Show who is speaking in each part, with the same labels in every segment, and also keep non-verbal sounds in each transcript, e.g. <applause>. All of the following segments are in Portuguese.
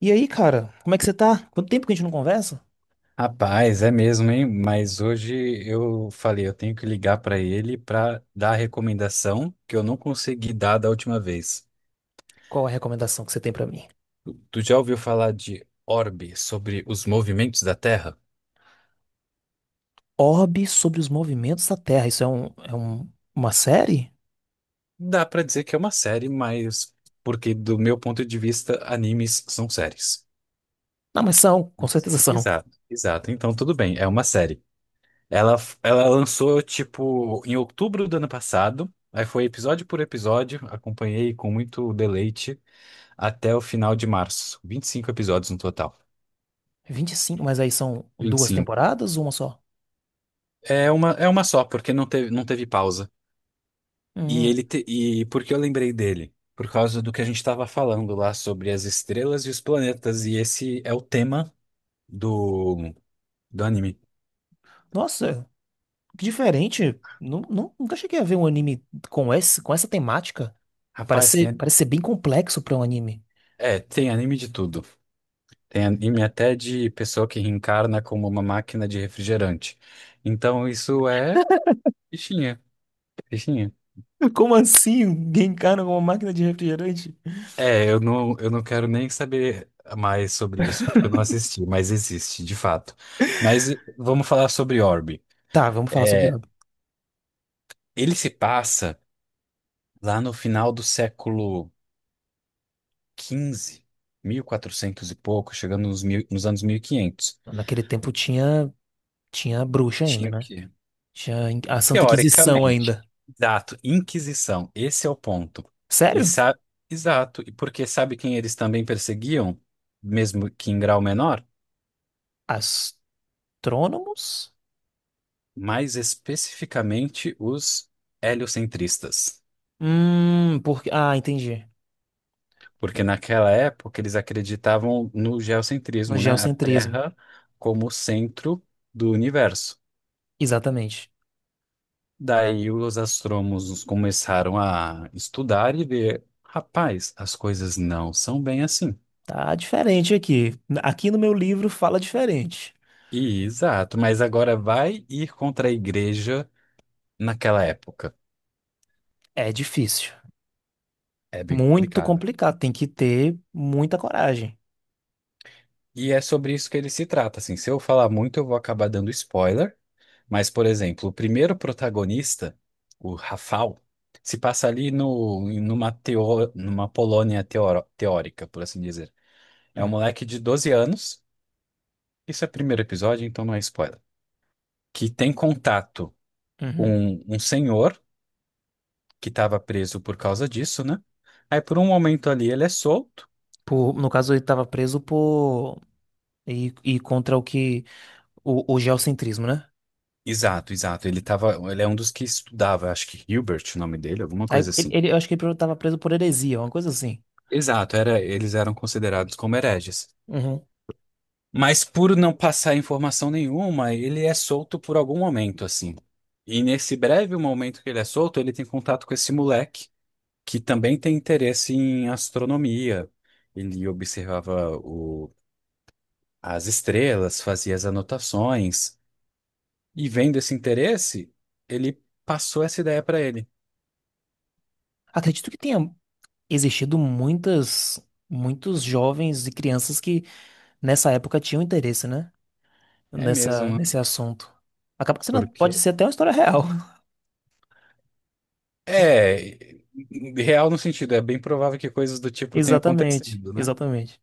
Speaker 1: E aí, cara, como é que você tá? Quanto tempo que a gente não conversa?
Speaker 2: Rapaz, é mesmo, hein? Mas hoje eu falei, eu tenho que ligar para ele para dar a recomendação que eu não consegui dar da última vez.
Speaker 1: Qual a recomendação que você tem pra mim?
Speaker 2: Tu já ouviu falar de Orbe, sobre os movimentos da Terra?
Speaker 1: Orbe sobre os movimentos da Terra. Isso é uma série?
Speaker 2: Dá para dizer que é uma série, mas porque do meu ponto de vista, animes são séries.
Speaker 1: Não, mas são, com certeza são.
Speaker 2: Exato, exato. Então tudo bem, é uma série. Ela, ela lançou tipo em outubro do ano passado. Aí foi episódio por episódio, acompanhei com muito deleite até o final de março. 25 episódios no total.
Speaker 1: Vinte e cinco, mas aí são
Speaker 2: vinte e
Speaker 1: duas
Speaker 2: cinco.
Speaker 1: temporadas ou uma só?
Speaker 2: É uma só, porque não teve pausa. E
Speaker 1: Hum,
Speaker 2: ele te- e por que eu lembrei dele? Por causa do que a gente estava falando lá sobre as estrelas e os planetas. E esse é o tema do, do anime.
Speaker 1: nossa, que diferente. Nunca cheguei a ver um anime com com essa temática.
Speaker 2: Rapaz,
Speaker 1: Parece ser bem complexo pra um anime.
Speaker 2: tem anime de tudo. Tem anime até de pessoa que reencarna como uma máquina de refrigerante. Então isso é fichinha, fichinha.
Speaker 1: <laughs> Como assim? Genkana com uma máquina de refrigerante?
Speaker 2: É, eu não quero nem saber mais sobre isso, porque eu não assisti, mas existe, de fato. Mas vamos falar sobre Orbe.
Speaker 1: Tá, vamos falar sobre
Speaker 2: É,
Speaker 1: Orbe.
Speaker 2: ele se passa lá no final do século XV, 1400 e quatrocentos e pouco, chegando nos, mil, nos anos 1500.
Speaker 1: Naquele tempo tinha, tinha bruxa ainda,
Speaker 2: Tinha o
Speaker 1: né?
Speaker 2: quê?
Speaker 1: Tinha a Santa Inquisição
Speaker 2: Teoricamente.
Speaker 1: ainda.
Speaker 2: Exato, Inquisição, esse é o ponto. E
Speaker 1: Sério?
Speaker 2: sa- Exato, e porque sabe quem eles também perseguiam, mesmo que em grau menor?
Speaker 1: Astrônomos?
Speaker 2: Mais especificamente os heliocentristas,
Speaker 1: Porque. Ah, entendi.
Speaker 2: porque naquela época eles acreditavam no
Speaker 1: No
Speaker 2: geocentrismo, né? A
Speaker 1: geocentrismo.
Speaker 2: Terra como centro do universo.
Speaker 1: Exatamente.
Speaker 2: Daí os astrônomos começaram a estudar e ver, rapaz, as coisas não são bem assim.
Speaker 1: Tá diferente aqui. Aqui no meu livro fala diferente.
Speaker 2: E, exato, mas agora vai ir contra a igreja naquela época.
Speaker 1: É difícil.
Speaker 2: É bem
Speaker 1: Muito
Speaker 2: complicado.
Speaker 1: complicado. Tem que ter muita coragem.
Speaker 2: E é sobre isso que ele se trata, assim. Se eu falar muito, eu vou acabar dando spoiler. Mas, por exemplo, o primeiro protagonista, o Rafał, se passa ali no, numa, teo, numa Polônia teórica, por assim dizer. É um
Speaker 1: Hum,
Speaker 2: moleque de 12 anos, isso é primeiro episódio, então não é spoiler, que tem contato
Speaker 1: uhum.
Speaker 2: com um senhor que estava preso por causa disso, né? Aí, por um momento ali, ele é solto.
Speaker 1: Por, no caso, ele estava preso por. E contra o que. O geocentrismo, né?
Speaker 2: Exato, exato. Ele é um dos que estudava, acho que Hilbert, o nome dele, alguma
Speaker 1: Aí,
Speaker 2: coisa assim.
Speaker 1: eu acho que ele estava preso por heresia, uma coisa assim.
Speaker 2: Exato, eles eram considerados como hereges.
Speaker 1: Uhum.
Speaker 2: Mas por não passar informação nenhuma, ele é solto por algum momento, assim. E nesse breve momento que ele é solto, ele tem contato com esse moleque, que também tem interesse em astronomia. Ele observava as estrelas, fazia as anotações. E vendo esse interesse, ele passou essa ideia para ele.
Speaker 1: Acredito que tenha existido muitos jovens e crianças que nessa época tinham interesse, né?
Speaker 2: É mesmo, né?
Speaker 1: Nesse assunto. Acaba que sendo- pode
Speaker 2: Porque.
Speaker 1: ser até uma história real.
Speaker 2: É, real no sentido, é bem provável que coisas do
Speaker 1: <laughs>
Speaker 2: tipo tenham
Speaker 1: Exatamente,
Speaker 2: acontecido, né?
Speaker 1: exatamente.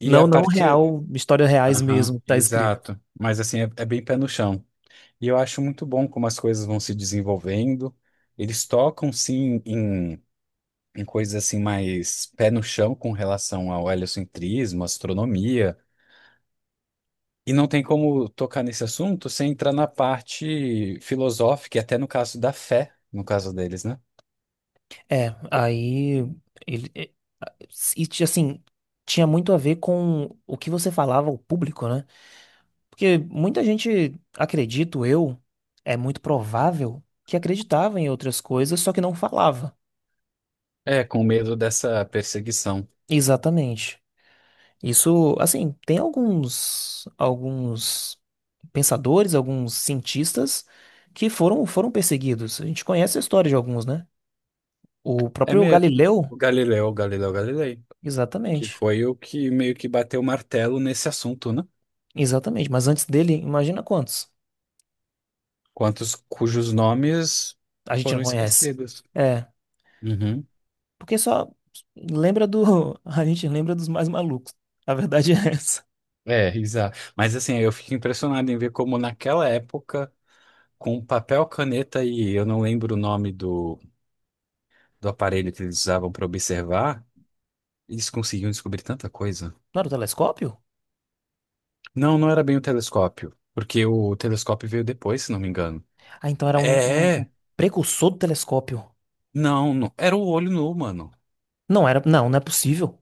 Speaker 2: E a
Speaker 1: Não, não
Speaker 2: partir.
Speaker 1: real, histórias reais
Speaker 2: Aham,
Speaker 1: mesmo, tá escrito.
Speaker 2: exato. Mas assim, é bem pé no chão. E eu acho muito bom como as coisas vão se desenvolvendo. Eles tocam, sim, em coisas assim mais pé no chão com relação ao heliocentrismo, astronomia. E não tem como tocar nesse assunto sem entrar na parte filosófica, e até no caso da fé, no caso deles, né?
Speaker 1: É, aí ele é, e ti- assim, tinha muito a ver com o que você falava ao público, né? Porque muita gente, acredito eu, é muito provável que acreditava em outras coisas, só que não falava.
Speaker 2: É, com medo dessa perseguição.
Speaker 1: Exatamente. Isso, assim, tem alguns pensadores, alguns cientistas que foram perseguidos. A gente conhece a história de alguns, né? O
Speaker 2: É
Speaker 1: próprio
Speaker 2: me...
Speaker 1: Galileu,
Speaker 2: o Galileu, Galileu Galilei, que
Speaker 1: exatamente.
Speaker 2: foi o que meio que bateu o martelo nesse assunto, né?
Speaker 1: Exatamente, mas antes dele, imagina quantos
Speaker 2: Quantos cujos nomes
Speaker 1: a gente não
Speaker 2: foram
Speaker 1: conhece.
Speaker 2: esquecidos.
Speaker 1: É,
Speaker 2: Uhum.
Speaker 1: porque só lembra do <laughs> a gente lembra dos mais malucos. A verdade é essa.
Speaker 2: É, exato. Mas assim, eu fico impressionado em ver como naquela época, com papel, caneta e eu não lembro o nome do aparelho que eles usavam para observar, eles conseguiam descobrir tanta coisa.
Speaker 1: Não era o telescópio?
Speaker 2: Não, não era bem o telescópio, porque o telescópio veio depois, se não me engano.
Speaker 1: Ah, então era
Speaker 2: É,
Speaker 1: um
Speaker 2: é.
Speaker 1: precursor do telescópio.
Speaker 2: Não, não, era o olho nu, mano.
Speaker 1: Não era, não, não é possível.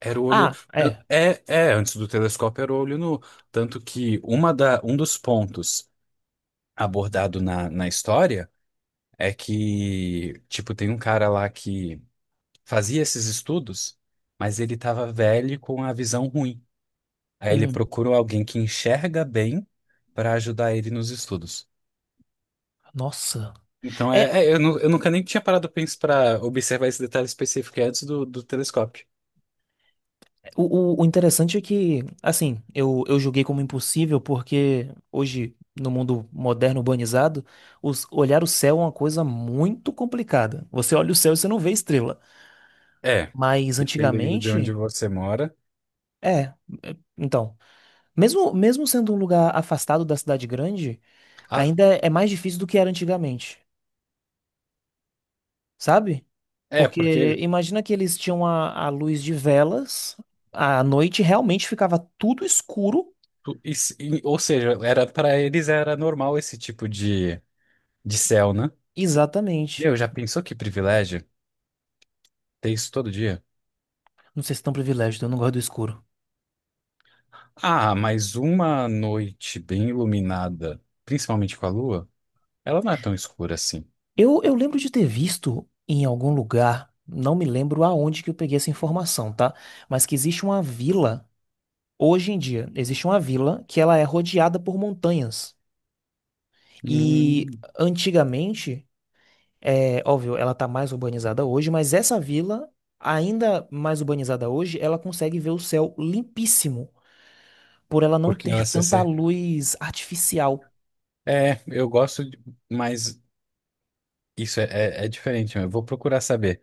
Speaker 2: Era o olho.
Speaker 1: Ah, é.
Speaker 2: É, é, antes do telescópio era o olho nu. Tanto que um dos pontos abordado na história é que, tipo, tem um cara lá que fazia esses estudos, mas ele tava velho com a visão ruim. Aí ele
Speaker 1: Hum,
Speaker 2: procurou alguém que enxerga bem para ajudar ele nos estudos.
Speaker 1: nossa.
Speaker 2: Então,
Speaker 1: É,
Speaker 2: eu nunca nem tinha parado para observar esse detalhe específico é antes do telescópio.
Speaker 1: o interessante é que, assim, eu julguei como impossível porque hoje, no mundo moderno urbanizado, os- olhar o céu é uma coisa muito complicada. Você olha o céu e você não vê estrela.
Speaker 2: É,
Speaker 1: Mas
Speaker 2: dependendo de onde
Speaker 1: antigamente,
Speaker 2: você mora.
Speaker 1: é. Então, mesmo, mesmo sendo um lugar afastado da cidade grande,
Speaker 2: Ah,
Speaker 1: ainda é mais difícil do que era antigamente, sabe?
Speaker 2: é,
Speaker 1: Porque
Speaker 2: porque,
Speaker 1: imagina que eles tinham a luz de velas, à noite realmente ficava tudo escuro,
Speaker 2: ou seja, era para eles era normal esse tipo de céu, né?
Speaker 1: exatamente.
Speaker 2: Meu, já pensou que privilégio ter isso todo dia?
Speaker 1: Não sei se é tão privilégio, eu não gosto do escuro.
Speaker 2: Ah, mas uma noite bem iluminada, principalmente com a lua, ela não é tão escura assim.
Speaker 1: Eu lembro de ter visto em algum lugar, não me lembro aonde que eu peguei essa informação, tá? Mas que existe uma vila, hoje em dia, existe uma vila que ela é rodeada por montanhas. E
Speaker 2: Hum,
Speaker 1: antigamente, é óbvio, ela tá mais urbanizada hoje, mas essa vila, ainda mais urbanizada hoje, ela consegue ver o céu limpíssimo, por ela não
Speaker 2: porque
Speaker 1: ter
Speaker 2: ela se,
Speaker 1: tanta
Speaker 2: se-
Speaker 1: luz artificial.
Speaker 2: É, eu gosto, de- mas isso é diferente. Eu vou procurar saber.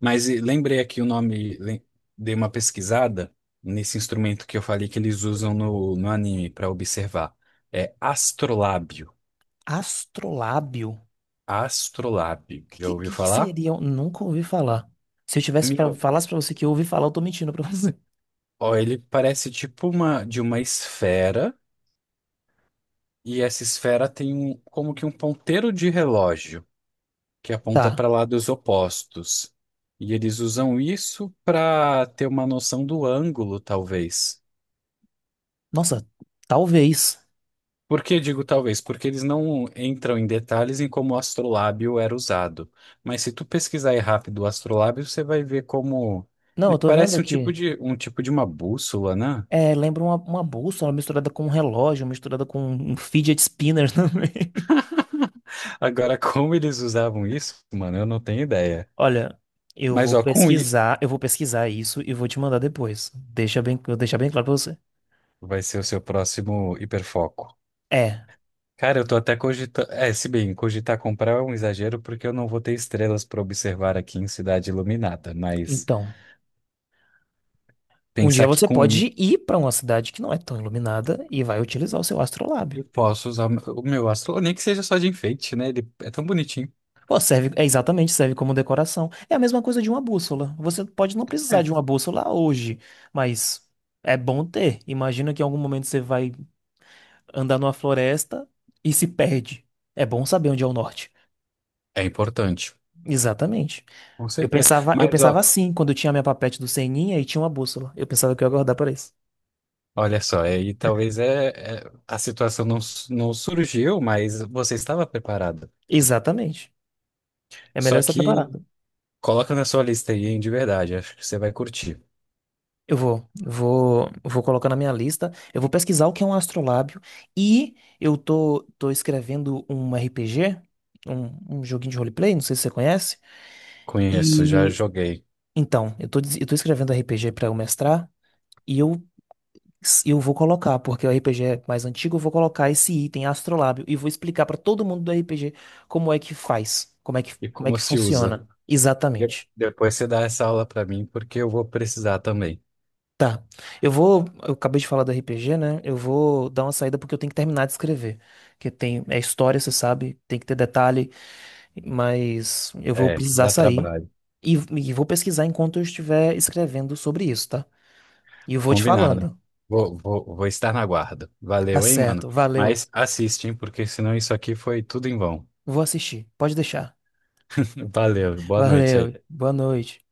Speaker 2: Mas e, lembrei aqui o nome, dei uma pesquisada nesse instrumento que eu falei que eles usam no anime para observar. É astrolábio.
Speaker 1: Astrolábio.
Speaker 2: Astrolábio. Já ouviu
Speaker 1: Que
Speaker 2: falar?
Speaker 1: seria? Nunca ouvi falar. Se eu tivesse pra,
Speaker 2: Meu.
Speaker 1: falasse pra você que eu ouvi falar, eu tô mentindo pra <laughs> você.
Speaker 2: Ó, ele parece tipo uma de uma esfera, e essa esfera tem um, como que um ponteiro de relógio que aponta
Speaker 1: Tá.
Speaker 2: para lados opostos. E eles usam isso para ter uma noção do ângulo, talvez.
Speaker 1: Nossa, talvez.
Speaker 2: Por que digo talvez? Porque eles não entram em detalhes em como o astrolábio era usado. Mas se tu pesquisar aí rápido o astrolábio, você vai ver como
Speaker 1: Não,
Speaker 2: ele
Speaker 1: eu tô vendo
Speaker 2: parece um tipo
Speaker 1: aqui.
Speaker 2: de um tipo de uma bússola, né?
Speaker 1: É, lembra uma bússola misturada com um relógio, misturada com um fidget spinner <laughs> também.
Speaker 2: Agora, <laughs> como eles usavam isso, mano, eu não tenho ideia.
Speaker 1: Olha,
Speaker 2: Mas ó, com I
Speaker 1: eu vou pesquisar isso e vou te mandar depois. Deixa bem, eu vou deixar bem claro pra você.
Speaker 2: vai ser o seu próximo hiperfoco.
Speaker 1: É,
Speaker 2: Cara, eu tô até cogitando. É, se bem, cogitar comprar é um exagero porque eu não vou ter estrelas para observar aqui em Cidade Iluminada, mas
Speaker 1: então, um dia
Speaker 2: pensar que
Speaker 1: você
Speaker 2: com I
Speaker 1: pode ir pra uma cidade que não é tão iluminada e vai utilizar o seu astrolábio.
Speaker 2: eu posso usar o meu astro, nem que seja só de enfeite, né? Ele é tão bonitinho.
Speaker 1: Pô, serve, é exatamente, serve como decoração. É a mesma coisa de uma bússola. Você pode não precisar
Speaker 2: É,
Speaker 1: de uma bússola hoje, mas é bom ter. Imagina que em algum momento você vai andar numa floresta e se perde. É bom saber onde é o norte.
Speaker 2: é importante,
Speaker 1: Exatamente.
Speaker 2: com certeza.
Speaker 1: Eu
Speaker 2: Mas
Speaker 1: pensava
Speaker 2: ó,
Speaker 1: assim quando eu tinha a minha papete do Seninha e tinha uma bússola. Eu pensava que eu ia guardar para isso.
Speaker 2: olha só, aí talvez a situação não surgiu, mas você estava preparada.
Speaker 1: Exatamente. É melhor
Speaker 2: Só
Speaker 1: estar
Speaker 2: que
Speaker 1: preparado.
Speaker 2: coloca na sua lista aí, hein, de verdade, acho que você vai curtir.
Speaker 1: Eu vou, vou, vou colocar na minha lista. Eu vou pesquisar o que é um astrolábio e eu tô, tô escrevendo um RPG, um joguinho de roleplay, não sei se você conhece.
Speaker 2: Conheço, já
Speaker 1: E
Speaker 2: joguei.
Speaker 1: então, eu tô, des- eu tô escrevendo RPG para eu mestrar e eu vou colocar, porque o RPG é mais antigo, eu vou colocar esse item astrolábio e vou explicar para todo mundo do RPG como é que faz,
Speaker 2: E
Speaker 1: como é
Speaker 2: como
Speaker 1: que
Speaker 2: se usa?
Speaker 1: funciona.
Speaker 2: De-
Speaker 1: Exatamente.
Speaker 2: Depois você dá essa aula para mim, porque eu vou precisar também.
Speaker 1: Tá. Eu vou. Eu acabei de falar do RPG, né? Eu vou dar uma saída porque eu tenho que terminar de escrever. Que tem. É história, você sabe. Tem que ter detalhe. Mas eu vou
Speaker 2: É,
Speaker 1: precisar
Speaker 2: dá
Speaker 1: sair.
Speaker 2: trabalho.
Speaker 1: E vou pesquisar enquanto eu estiver escrevendo sobre isso, tá? E eu vou te
Speaker 2: Combinado.
Speaker 1: falando.
Speaker 2: Vou estar na guarda.
Speaker 1: Tá
Speaker 2: Valeu, hein, mano?
Speaker 1: certo. Valeu.
Speaker 2: Mas assiste, hein, porque senão isso aqui foi tudo em vão.
Speaker 1: Vou assistir. Pode deixar.
Speaker 2: <laughs> Valeu, boa noite
Speaker 1: Valeu.
Speaker 2: aí.
Speaker 1: Boa noite.